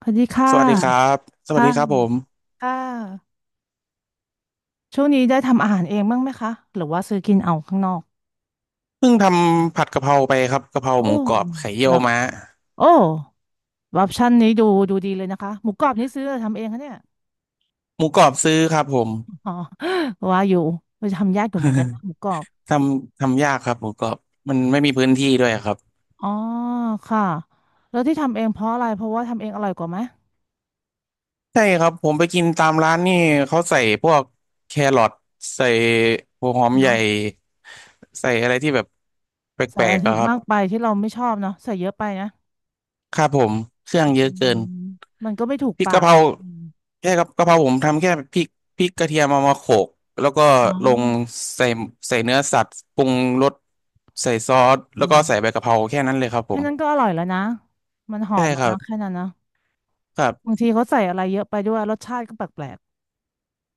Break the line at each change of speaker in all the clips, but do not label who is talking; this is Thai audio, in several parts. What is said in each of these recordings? สวัสดีค่ะ
สวัสดีครับสวัส
ค่ะ
ดีครับผม
ค่ะช่วงนี้ได้ทำอาหารเองบ้างไหมคะหรือว่าซื้อกินเอาข้างนอก
เพิ่งทำผัดกะเพราไปครับกะเพรา
โอ้
หมูกรอบไข่เยี่
เห
ย
ร
ว
อ
ม้า
โอ้ออปชั่นนี้ดูดีเลยนะคะหมูกรอบนี่ซื้อหรือทำเองคะเนี่ย
หมูกรอบซื้อครับผม
อ๋อว่าอยู่เราจะทำยากอยู่เหมือนกันนะหมูกรอบ
ททำยากครับหมูกรอบมันไม่มีพื้นที่ด้วยครับ
อ๋อค่ะแล้วที่ทำเองเพราะอะไรเพราะว่าทำเองอร่อยกว่าไหม
ใช่ครับผมไปกินตามร้านนี่เขาใส่พวกแครอทใส่หัวหอมใหญ่
เนาะ
ใส่อะไรที่แบบแป
ใส่
ล
อะไร
กๆ
ที่
อะครับ
มากไปที่เราไม่ชอบเนาะใส่เยอะไปนะ
ครับผมเครื่อง
อื
เยอะเกิน
มมันก็ไม่ถูก
พริก
ปา
กะ
ก
เพรา
นะอม
แค่กับกะเพราผมทำแค่พริกพริกกระเทียมเอามาโขลกแล้วก็
อ๋อ
ลงใส่ใส่เนื้อสัตว์ปรุงรสใส่ซอส
อื
แล้วก็
ม
ใส่ใบกะเพราแค่นั้นเลยครับผ
แค่
ม
นั้นก็อร่อยแล้วนะ มันหอ
ใช่
มแล้
ค
ว
รั
นะ
บ
แค่นั้นนะ
ครับ
บางทีเขาใส่อะไรเยอะไปด้วยรสชาติก็แปลก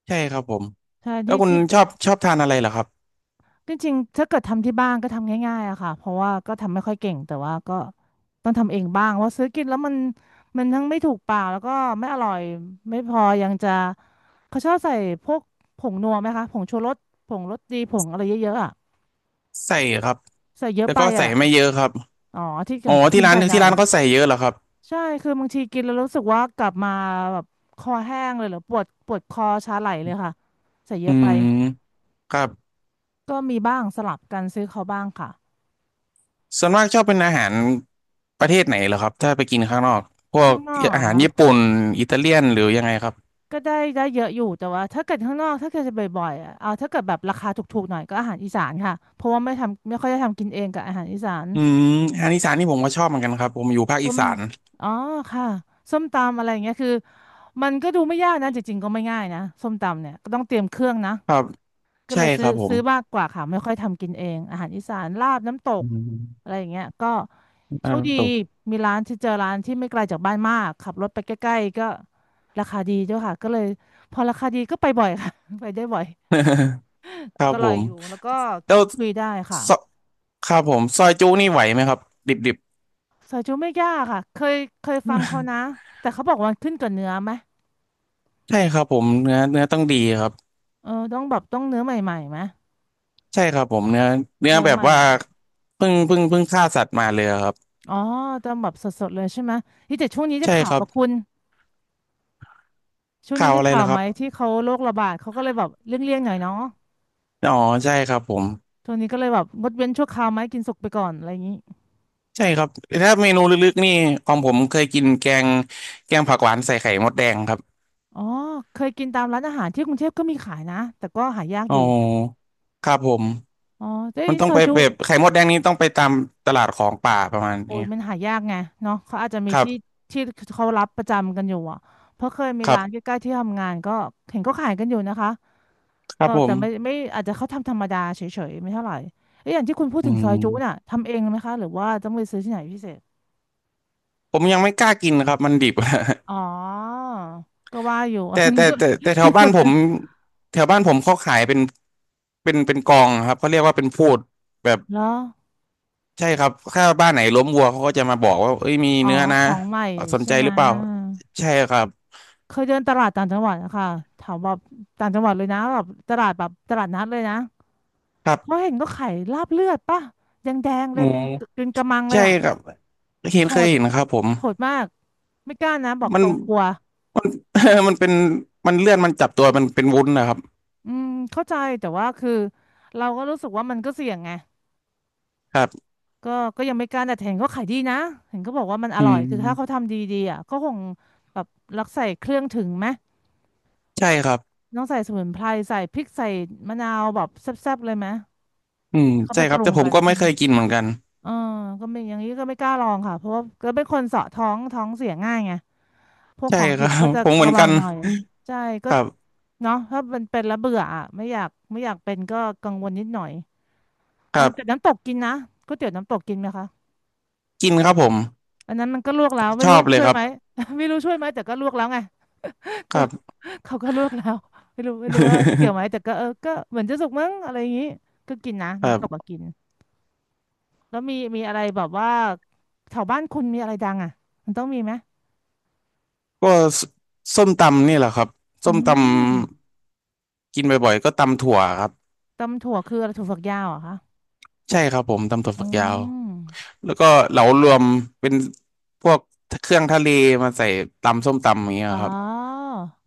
ใช่ครับผม
ๆใช่
แล้ว
ที่
คุณ
ที่
ชอบทานอะไรเหรอครับ
จริงๆถ้าเกิดทำที่บ้านก็ทำง่ายๆอะค่ะเพราะว่าก็ทำไม่ค่อยเก่งแต่ว่าก็ต้องทำเองบ้างเพราะซื้อกินแล้วมันทั้งไม่ถูกปากแล้วก็ไม่อร่อยไม่พอยังจะเขาชอบใส่พวกผงนัวไหมคะผงชูรสผงรสดีผงอะไรเยอะๆอะ
ใส่ครับ
ใส่เยอะ
แต่
ไป
ก็ใส่
อะ
ไม่เยอะครับ
อ๋อที่อ
อ๋อ
ย่าง
ที่
คุณ
ร้าน
ใส่หน่
ที่
อย
ร้านเขาใส่เยอะเหรอครับ
ใช่คือบางทีกินแล้วรู้สึกว่ากลับมาแบบคอแห้งเลยเหรือปวดปวดคอชาไหลเลยค่ะใส่เย
อื
อะไป
มครับ
ก็มีบ้างสลับกันซื้อเขาบ้างค่ะ
ส่วนมากชอบเป็นอาหารประเทศไหนเหรอครับถ้าไปกินข้างนอกพว
ข้า
ก
งนอกเหร
อา
อ
หาร
คะ
ญี่ปุ่นอิตาเลียนหรือยังไงครับ
ก็ได้ได้เยอะอยู่แต่ว่าถ้าเกิดข้างนอกถ้าเกิดจะบ่อยๆอะเอาถ้าเกิดแบบราคาถูกๆหน่อยก็อาหารอีสานค่ะเพราะว่าไม่ทำไม่ค่อยได้ทำกินเองกับอาหารอีสาน
อืมอาหารอีสานนี่ผมก็ชอบเหมือนกันครับผมอยู่ภาค
ต้
อี
ม
สาน
อ๋อค่ะส้มตำอะไรอย่างเงี้ยคือมันก็ดูไม่ยากนะจริงๆก็ไม่ง่ายนะส้มตำเนี่ยก็ต้องเตรียมเครื่องนะ
ครับ
ก็
ใช่
เลย
ค
ซื้อ
รับผม
ซื้อมากกว่าค่ะไม่ค่อยทำกินเองอาหารอีสานลาบน้ำต
อื
ก
ม
อะไรอย่างเงี้ยก็โช
อาร
ค
ม
ดี
ณ์ตก
มีร้านที่เจอร้านที่ไม่ไกลจากบ้านมากขับรถไปใกล้ๆก็ราคาดีด้วยค่ะก็เลยพอราคาดีก็ไปบ่อยค่ะ ไปได้บ่อย
ครับ
ก็อ
ผ
ร่อย
ม
อยู่แล้วก็
แล้ว
คุยได้ค่ะ
ซอครับผมซอยจุนี่ไหวไหมครับดิบดิบ
ซอยจุไม่ยากค่ะเคยเคยฟังเขานะ แต่เขาบอกว่ามันขึ้นกับเนื้อไหม
ใช่ครับผมเนื้อต้องดีครับ
เออต้องแบบต้องเนื้อใหม่ๆไหม
ใช่ครับผมเนื้อเนื้อ
เนื้อ
แบ
ให
บ
ม่
ว่าเพิ่งฆ่าสัตว์มาเลยครับ
อ๋อต้องแบบสดๆเลยใช่ไหมที่แต่ช่วงนี้จะ
ใช่
ข่า
ค
ว
รั
ป
บ
ระคุณ ช่วง
ข่า
นี้
ว
ได้
อะไร
ข่าว
ล่ะค
ไห
รั
ม
บ
ที่เขาโรคระบาดเขาก็เลยแบบเลี่ยงๆหน่อยเนาะ
อ๋อใช่ครับผม
ช่วงนี้ก็เลยแบบงดเว้นชั่วคราวไหมกินสุกไปก่อนอะไรอย่างนี้
ใช่ครับถ้าเมนูลึกๆนี่ของผมเคยกินแกงแกงผักหวานใส่ไข่มดแดงครับ
อ๋อเคยกินตามร้านอาหารที่กรุงเทพก็มีขายนะแต่ก็หายาก
อ๋
อ
อ
ยู่
ครับผม
อ๋อแต่
มัน
ไอ้
ต้อ
ซ
ง
อ
ไป
ยจุ
แบบไข่มดแดงนี้ต้องไปตามตลาดของป่าประมาณ
โอ้
นี้
ยมันหายากไงเนาะเขาอาจจะมี
ครั
ที่
บ
ที่เขารับประจำกันอยู่อ่ะเพราะเคยมี
ครั
ร้านใก
บ
ล้ๆที่ทำงานก็เห็นก็ขายกันอยู่นะคะ
ครับ
ก็
ผ
แต่ไม่
ม
ไม่อาจจะเขาทำธรรมดาเฉยๆไม่เท่าไหร่เอ้ยอย่างที่คุณพูด
อื
ถึงซอยจุน่ะ
ม
ทำเองไหมคะหรือว่าต้องไปซื้อที่ไหนพิเศษ
ผมยังไม่กล้ากินครับมันดิบ
อ๋อ ก็ว่าอยู่
แต่
อันนี้
แต่
ก็
แต่แต่แถ
ที่
วบ้า
ฝึ
น
ก
ผมแถวบ้านผมเขาขายเป็นเป็นกองครับเขาเรียกว่าเป็นพูดแบบ
แล้ว
ใช่ครับถ้าบ้านไหนล้มวัวเขาก็จะมาบอกว่าเอ้ยมี
อ๋อ
เนื้อนะ
ของใหม่
สน
ใช่
ใจ
ไหม
หรือเปล่าใช่ครับ
เคยเดินตลาดต่างจังหวัดนะคะแถวแบบต่างจังหวัดเลยนะแบบตลาดแบบตลาดนัดเลยนะ
ครั
เขา
บ
เห็นก็ขายลาบเลือดป่ะแดงๆ
ห
เล
มู
ยเป็นเป็นกะมังเล
ใช่
ยอ่ะ
ครับเห็น
โห
เคย
ด
เห็นครับผม
โหดมากไม่กล้านะบอก
มั
ต
น
รงกลัว
มัน มันเป็นมันเลื่อนมันจับตัวมันเป็นวุ้นนะครับ
อืมเข้าใจแต่ว่าคือเราก็รู้สึกว่ามันก็เสี่ยงไง
ครับ
ก็ก็ยังไม่กล้าแต่เห็นก็ขายดีนะ เห็นก็บอกว่ามันอ
อื
ร่อยคือถ้าเขา
ม
ทำดีๆอ่ะก็คงแบบรักใส่เครื่องถึงไหม
ใช่ครับ
ต้องใส่สมุนไพรใส่พริกใส่มะนาวแบบแซ่บๆเลยไหม
อืม
ให้เขา
ใช่
ไป
ค
ป
รับ
รุ
แต่
ง
ผ
กั
ม
น
ก็
ใช่
ไม่
ไหม
เคยกินเหมือนกัน
เออก็ไม่อย่างนี้ก็ไม่กล้าลองค่ะ เพราะว่าก็เป็นคนเสาะท้องเสียง่ายไง พวก
ใช่
ของ
ค
ดิ
รั
บ
บ
ก็จะ
ผมเหมือ
ระ
น
วั
กั
ง
น
หน่อยใช่ก็
ครับ
เนาะถ้ามันเป็นแล้วเบื่ออ่ะไม่อยากเป็นก็กังวลนิดหน่อย
ครั
น้ำแต่
บ
น้ำตกกินนะก๋วยเตี๋ยวน้ำตกกินไหมคะ
กินครับผม
อันนั้นมันก็ลวกแล้วไม่
ชอ
รู้
บเลย
ช่วย
ครั
ไห
บ
ม ไม่รู้ช่วยไหมแต่ก็ลวกแล้วไง
ค
ก็
รับ
เขาก็ลวกแล้วไม่รู้ว่าเกี่ยวไหมแต่ ก็เออก็เหมือนจะสุกมั้งอะไรอย่างนี้ก็กินนะ
ครั
น้ำต
บ
กก็กินแล้วมีอะไรแบบว่าแถวบ้านคุณมีอะไรดังอ่ะมันต้องมีไหม
ก็สส้มตำนี่แหละครับ
อื
ส้มตำ
ม
กินบ่อยๆก็ตำถั่วครับ
ตำถั่วคืออะไรถั่วฝักยาวเหรอคะ
ใช่ครับผมตำถั่ว
อื
ฝักยาว
ม
แล้วก็เหลารวมเป็นพวกเครื่องทะเลมาใส่ตำส้มตำอย่างเงี้ย
อ๋อ
ครับ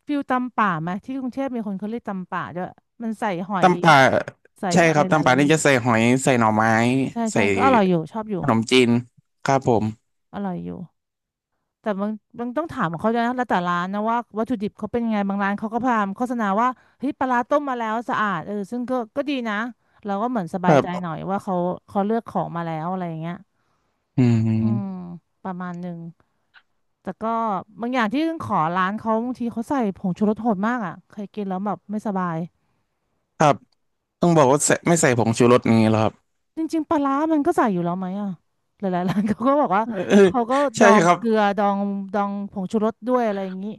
ฟิลตำป่าไหมที่กรุงเทพมีคนเขาเรียกตำป่าด้วยมันใส่หอย
ตำป่า
ใส่
ใช่
อะ
ค
ไร
รับ
ห
ตำป่า
ลายๆอ
นี่
ย่าง
จะใส่หอยใส่หน่อไม้
ใช่ใช่
ใส่
ก็อร่อยอยู่ชอบอยู่
ขนมจีนครับผม
อร่อยอยู่ แต่บางต้องถามของเขาด้วยนะแล้วแต่ร้านนะว่าวัตถุดิบเขาเป็นยังไงบางร้านเขาก็พยายามโฆษณาว่าเฮ้ยปลาร้าต้มมาแล้วสะอาดเออซึ่งก็ดีนะเราก็เหมือนส
ค
บาย
รั
ใจหน่อย
บ
ว่าเขาเลือกของมาแล้วอะไรอย่างเงี้ย
อื
อืม
ม
ประมาณหนึ่งแต่ก็บางอย่างที่ขอร้านเขาบางทีเขาใส่ผงชูรสโหดมากอ่ะเคยกินแล้วแบบไม่สบาย
ครับต้องบอกว่าใส่ไม่ใส่ผงชูรสนี้เหรอครับ
จริงๆปลาร้ามันก็ใส่อยู่แล้วไหมอ่ะหลายๆร้านเขาก็บอกว่า
เออ
เขาก็ด
ใช่
อง
ครับ
เกลือดองดองผงชูรสด้วยอะไรอย่างงี้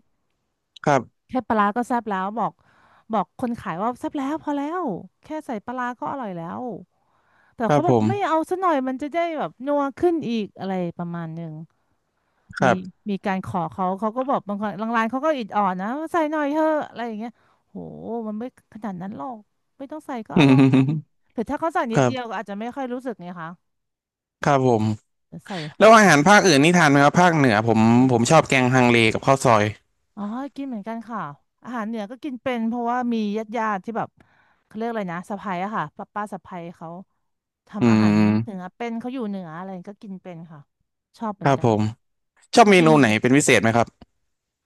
ครับ
แค่ปลาร้าก็แซ่บแล้วบอกคนขายว่าแซ่บแล้วพอแล้วแค่ใส่ปลาร้าก็อร่อยแล้วแต่
ครั
เขา
บ
บ
ผ
อก
ม
ไม่เอาซะหน่อยมันจะได้แบบนัวขึ้นอีกอะไรประมาณหนึ่ง
ค
มี
รับ
มีการขอเขาก็บอกบางคนบางร้านเขาก็อิดออดนะว่าใส่หน่อยเถอะอะไรอย่างเงี้ยโหมันไม่ขนาดนั้นหรอกไม่ต้องใส่ก็
อื
อร่อย
ม
หรือถ้าเขาใส่
ค
นิด
รั
เดียว
บ
ก็อาจจะไม่ค่อยรู้สึกไงคะ
ครับผม
แต่ใส่ห
แล้
อ
ว
ด
อา
หอ
หาร
ม
ภาคอื่นนี่ทานไหมครับภาคเหนือผมชอบแกงฮังเลกับข้าวซอย
อ๋อกินเหมือนกันค่ะอาหารเหนือก็กินเป็นเพราะว่ามีญาติที่แบบเขาเรียกอะไรนะสะใภ้อะค่ะป้าสะใภ้เขา
อื
ทำอาหารเหนือ
ม
เป็นเขาอยู่เหนืออะไรก็กินเป็นค่ะ ชอบเหมื
ค
อน
รับ
กั
ผ
น
มชอบ
จ
เม
ริ
นู
ง
ไหนเป็นพิเศษไหมครับ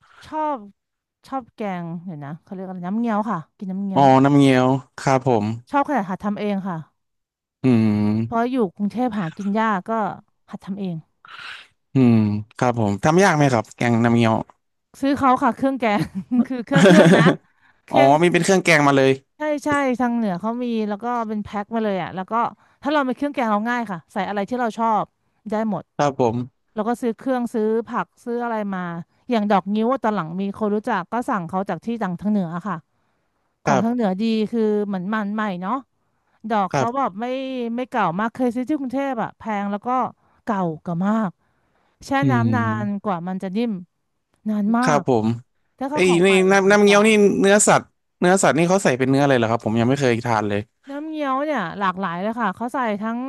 ๆชอบแกงเดี๋ยวนะเขาเรียกอะไรน้ำเงี้ยวค่ะ กินน้ำเงี้
อ๋
ย
อ
ว
น้ำเงี้ยวครับผม
ชอบขนาดหัดทำเองค่ะ
อื
เพราะ
ม
อยู่กรุงเทพหากินยากก็หัดทำเอง
อืมครับผมทำยากไหมครับแกงน้ำเงี้ยว
ซื้อเขาค่ะเครื่องแกง คือเครื่องนะ เค
อ๋อ
รื่อง
มีเป็นเครื่องแกงมาเลย
ใช่ใช่ทางเหนือเขามีแล้วก็เป็นแพ็คมาเลยอ่ะแล้วก็ถ้าเราไปเครื่องแกงเราง่ายค่ะใส่อะไรที่เราชอบได้หมด
ครับผม
แล้วก็ซื้อเครื่องซื้อผักซื้ออะไรมาอย่างดอกงิ้วอะตอนหลังมีคนรู้จักก็สั่งเขาจากที่ทางเหนืออะค่ะข
ค
อง
รั
ทางเหนื
บ
อดีคือเหมือนมันใหม่เนาะดอก
ครั
เขาแบ
บ
บไม่เก่ามากเคยซื้อที่กรุงเทพอ่ะแพงแล้วก็เก่ามากแช่
อื
น้ำนานก
ม
ว่ามันจะนิ่มนานมา
ครับ
ก
ผม
ถ้าเขา
ไอ้
ข
ย
องให
นี่
ม่
น้ำ
ดี
น้ำ
ก
เงี้ยว
ว่า
นี่เนื้อสัตว์เนื้อสัตว์นี่เขาใส่เป็นเนื้อเลยเหรอครับผมยังไม่เคยทานเลย
น้ำเงี้ยวเนี่ยหลากหลายเลยค่ะเขาใส่ทั้ง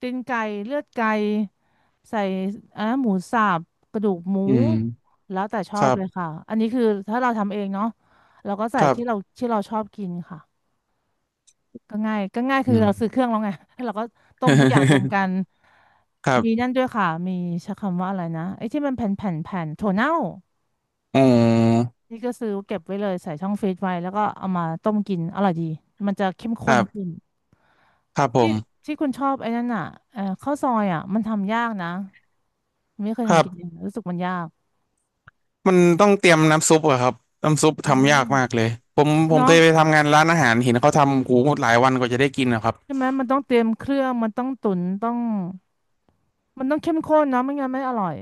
ตีนไก่เลือดไก่ใส่หมูสับกระดูกหมู
อืม
แล้วแต่ชอ
ค
บ
รั
เลยค่ะ
บ
อันนี้คือถ้าเราทำเองเนาะเราก็ใส่
ครั
ที่เรา
บ
ที่เราชอบกินค่ะก็ง่ายคื
อื
อเราซื้
ม
อเครื่องแล้วไง แล้วเราก็ต้มทุกอย่างรวมกัน
ครั
มีนั่
บ
นด้วยค่ะมีใช้คำว่าอะไรนะไอ้ที่มันแผ่นถั่วเน่า
อ๋อ
นี่ก็ซื้อเก็บไว้เลยใส่ช่องฟรีซไว้แล้วก็เอามาต้มกินอร่อยดีมันจะเข้ม
ค
ข้
รั
นขึ้
บ
น
ครับผ
ที่
ม
ที่คุณชอบไอ้นั่นอ่ะข้าวซอยอ่ะมันทำยากนะไม่เคย
ครั
ทำกินเอง
บ
รู้สึกมันยาก
มันต้องเตรียมน้ำซุปอะครับน้ำซุป
อื
ทำยา
ม
กมากเลยผมเค
เนาะ
ยไปทำงานร้านอาหารเห็นเขาทำกูหลายวันกว่าจะได้กินนะครับ
ใช่ไหมมันต้องเตรียมเครื่องมันต้องตุ๋นต้องมันต้องเข้มข้นเนาะไม่งั้นไม่อร่อย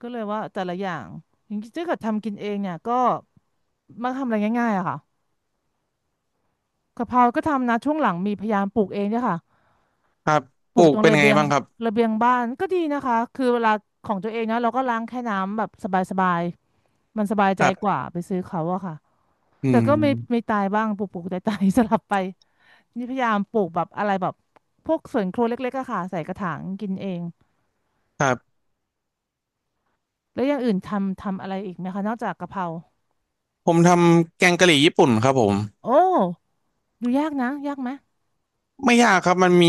ก็เลยว่าแต่ละอย่างอย่างที่เกิดทำกินเองเนี่ยก็มักทำอะไรง่ายๆอะค่ะกะเพราก็ทำนะช่วงหลังมีพยายามปลูกเองเนี่ยค่ะ
ครับ
ป
ป
ลู
ลู
กต
ก
รง
เป็น
ระ
ไง
เบียง
บ้างครับ
ระเบียงบ้านก็ดีนะคะคือเวลาของตัวเองนะเราก็ล้างแค่น้ำแบบสบายๆมันสบาย
ค
ใจ
รั
กว่า
บ
ไปซื้อเขาอะค่ะ
อื
แต่ก็ไม่
ม
ตายบ้างปลูกตาย สลับไปนี่พยายามปลูกแบบอะไรแบบพวกสวนครัวเล็กๆอะค่ะใส่กระถางกินเอง
ครับ
แล้วอย่างอื่นทำอะไรอีกไหมคะนอกจากกะเพรา
ผมทำแกงกะหรี่ญี่ปุ่นครับผม
โอ้ดูยากนะยากไหม
ไม่ยากครับมันมี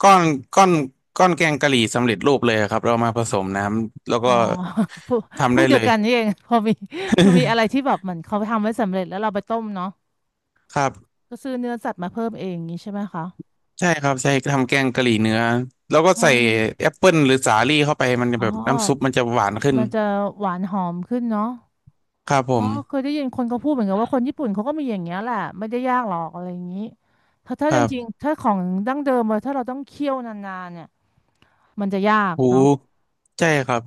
ก้อนก้อนแกงกะหรี่สำเร็จรูปเลยครับเรามาผสมน้ำแล้ว
อ๋อ
ก็
พวกพ
ทำ
ว
ได้
กเดี
เล
ยว
ย
กันนี่เอง พอมีอะไรที่แบบเหมือนเขาทำไว้สำเร็จแล้วเราไปต้มเนาะ
ครับ
ก็ซื้อเนื้อสัตว์มาเพิ่มเองอย่างนี้ใช่ไหมคะ
ใช่ครับใช่ทำแกงกะหรี่เนื้อแล้วก็
อ๋อ
ใส่แอปเปิลหรือสาลี่เข้าไปมันจะ
อ๋อ
แบบน้ำซุปมันจะหวานขึ้น
มันจะหวานหอมขึ้นเนาะ
ครับผ
อ๋อ
ม
เคยได้ยินคนเขาพูดเหมือนกันว่าคนญี่ปุ่นเขาก็มีอย่างเงี้ยแหละไม่ได้ยากหรอกอะไรอย่างนี้ถ้าถ้า
ค
จ
รั
ริง
บ
ๆถ้าของดั้งเดิมอะถ้าเราต้องเคี่ยวนานๆเนี่ยมันจะยาก
หู
เนาะ
ใช่ครับ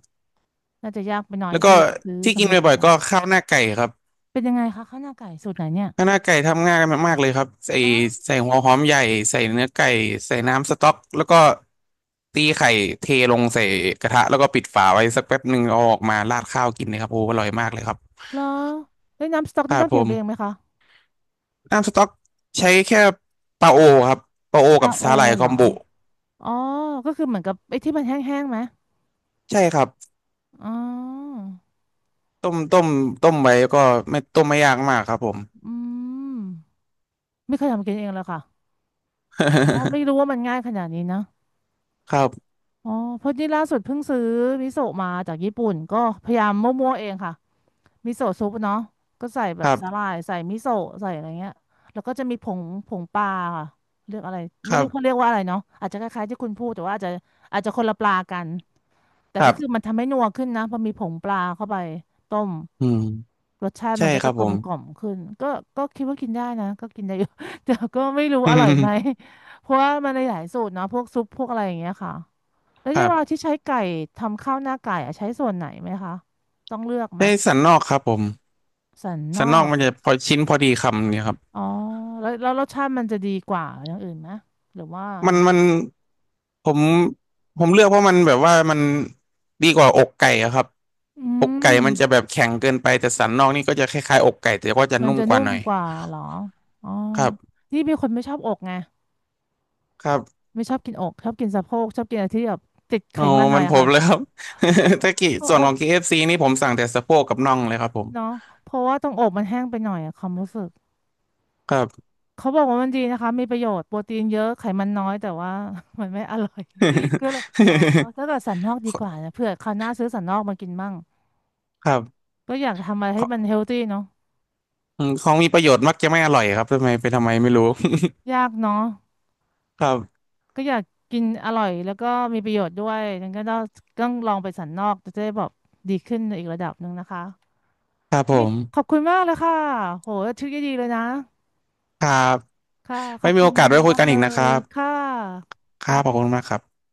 น่าจะยากไปหน่อย
แล้วก็
ซื้อ
ที่กิ
สำ
น
เร็จดี
บ่อ
ก
ยๆ
ว่า
ก็ข้าวหน้าไก่ครับ
เป็นยังไงคะข้าวหน้าไก่สูตรไหนเนี่ย
ข้างหน้าไก่ทำง่ายมากๆเลยครับใส่
แล้ว
ใส่หัวหอมใหญ่ใส่เนื้อไก่ใส่น้ำสต๊อกแล้วก็ตีไข่เทลงใส่กระทะแล้วก็ปิดฝาไว้สักแป๊บหนึ่งเอาออกมาราดข้าวกินเลยครับโอ้อร่อยมากเลยครับ
แล้วเอ้ยน้ำสต๊อก
ค
นี่
รั
ต้
บ
องเต
ผ
รียมเองไหม
ม
คะ
น้ำสต๊อกใช้แค่ปลาโอครับปลาโอ
ซา
กับ
โอ
สาหร่าย
เห
ค
ร
อ
อ
มบุ
อ๋อก็คือเหมือนกับไอ้ที่มันแห้งๆไหม
ใช่ครับ
อ๋อ
ต้มต้มต้มไว้ก็ไม่ยากมากครับผม
อืมไม่เคยทำกินเองเลยค่ะอ๋อไม่รู้ว่ามันง่ายขนาดนี้นะ
ครับ
อ๋อเพราะนี่ล่าสุดเพิ่งซื้อมิโซะมาจากญี่ปุ่นก็พยายามมั่วๆเองค่ะมิโซะซุปเนาะก็ใส่แบ
ค
บ
รั
สาหร่า
บ
ยใส่มิโซะใส่อะไรเงี้ยแล้วก็จะมีผงปลาค่ะเรียกอะไร
ค
ไม่
รั
รู้
บ
เขาเรียกว่าอะไรเนาะอาจจะคล้ายๆที่คุณพูดแต่ว่าอาจจะคนละปลากันแต่
ครั
ก็คือ
บ
มันทำให้นัวขึ้นนะพอมีผงปลาเข้าไปต้ม
อืม
รสชาติ
ใช่
มันก็
ค
จะ
รับ
ก
ผ
ลม
ม
กล่อมขึ้นก็ก็คิดว่ากินได้นะก็กินได้อยู่ แต่ก็ไม่รู้อร่อยไหม เพราะว่ามันหลายๆสูตรเนาะพวกซุปพวกอะไรอย่างเงี้ยค่ะ แล้ว
ค
เย
รั
วลา
บ
ที่ใช้ไก่ทำข้าวหน้าไก่อะใช้ส่วนไหนไหมคะต้องเลือกไหม
ได้สันนอกครับผม
สันน
สั
อ
นนอก
ก
มันจะพอชิ้นพอดีคำเนี่ยครับ
อ๋อแล้วรสชาติมันจะดีกว่าอย่างอื่นไหมหรือว่ายั
มั
ง
น
ไง
มันผมผมเลือกเพราะมันแบบว่ามันดีกว่าอกไก่อะครับ
อื
อก
ม
ไก่มันจะแบบแข็งเกินไปแต่สันนอกนี่ก็จะคล้ายๆอกไก่แต่ก็จะ
มัน
นุ่ม
จะ
ก
นุ่
ว่าห
ม
น่อย
กว่าเหรออ๋อ
ครับ
นี่เป็นคนไม่ชอบอกไง
ครับ
ไม่ชอบกินอกชอบกินสะโพกชอบกินอะไรที่แบบติดไข
โอ้
มันหน่
มั
อย
น
อะ
ผ
ค่ะ
มเลยครับ
โอ
ถ้ากิส่ว
โอ
น
อ
ข
ก
องKFC นี่ผมสั่งแต่สะโพกกับน่องเลยครับผม
เนาะเพราะว่าตรงอกมันแห้งไปหน่อยอะความรู้สึก
ครับ
เขาบอกว่ามันดีนะคะมีประโยชน์โปรตีนเยอะไขมันน้อยแต่ว่า มันไม่อร่อย ก็เลยอ๋อถ้าเกิดสันนอกดีกว่านะเผื่อคราวหน้าซื้อสันนอกมากินมั่ง
ครับ
ก็อยากทำอะไร
ข
ให้
อง
มันเฮลตี้เนาะ
อืมของมีประโยชน์มักจะไม่อร่อยครับทำไมไม่รู้
ยากเนาะ
ครับ
ก็อยากกินอร่อยแล้วก็มีประโยชน์ด้วยงั้นก็ต้องลองไปสันนอกจะได้แบบดีขึ้นในอีกระดับหนึ่งนะคะ
ครับผ
นี่ขอบ
ม
คุณมากเลยค่ะโหชื่อดีๆเลยนะ
ครับ
ค่ะข
ไม่
อบ
มี
คุ
โอ
ณ
กาสไว้คุย
มาก
กัน
เล
อีกนะค
ย
รั
ค่ะ
บ
ขอบ
ค
คุ
รั
ณ
บขอบคุณ
ค่ะ
มากครับ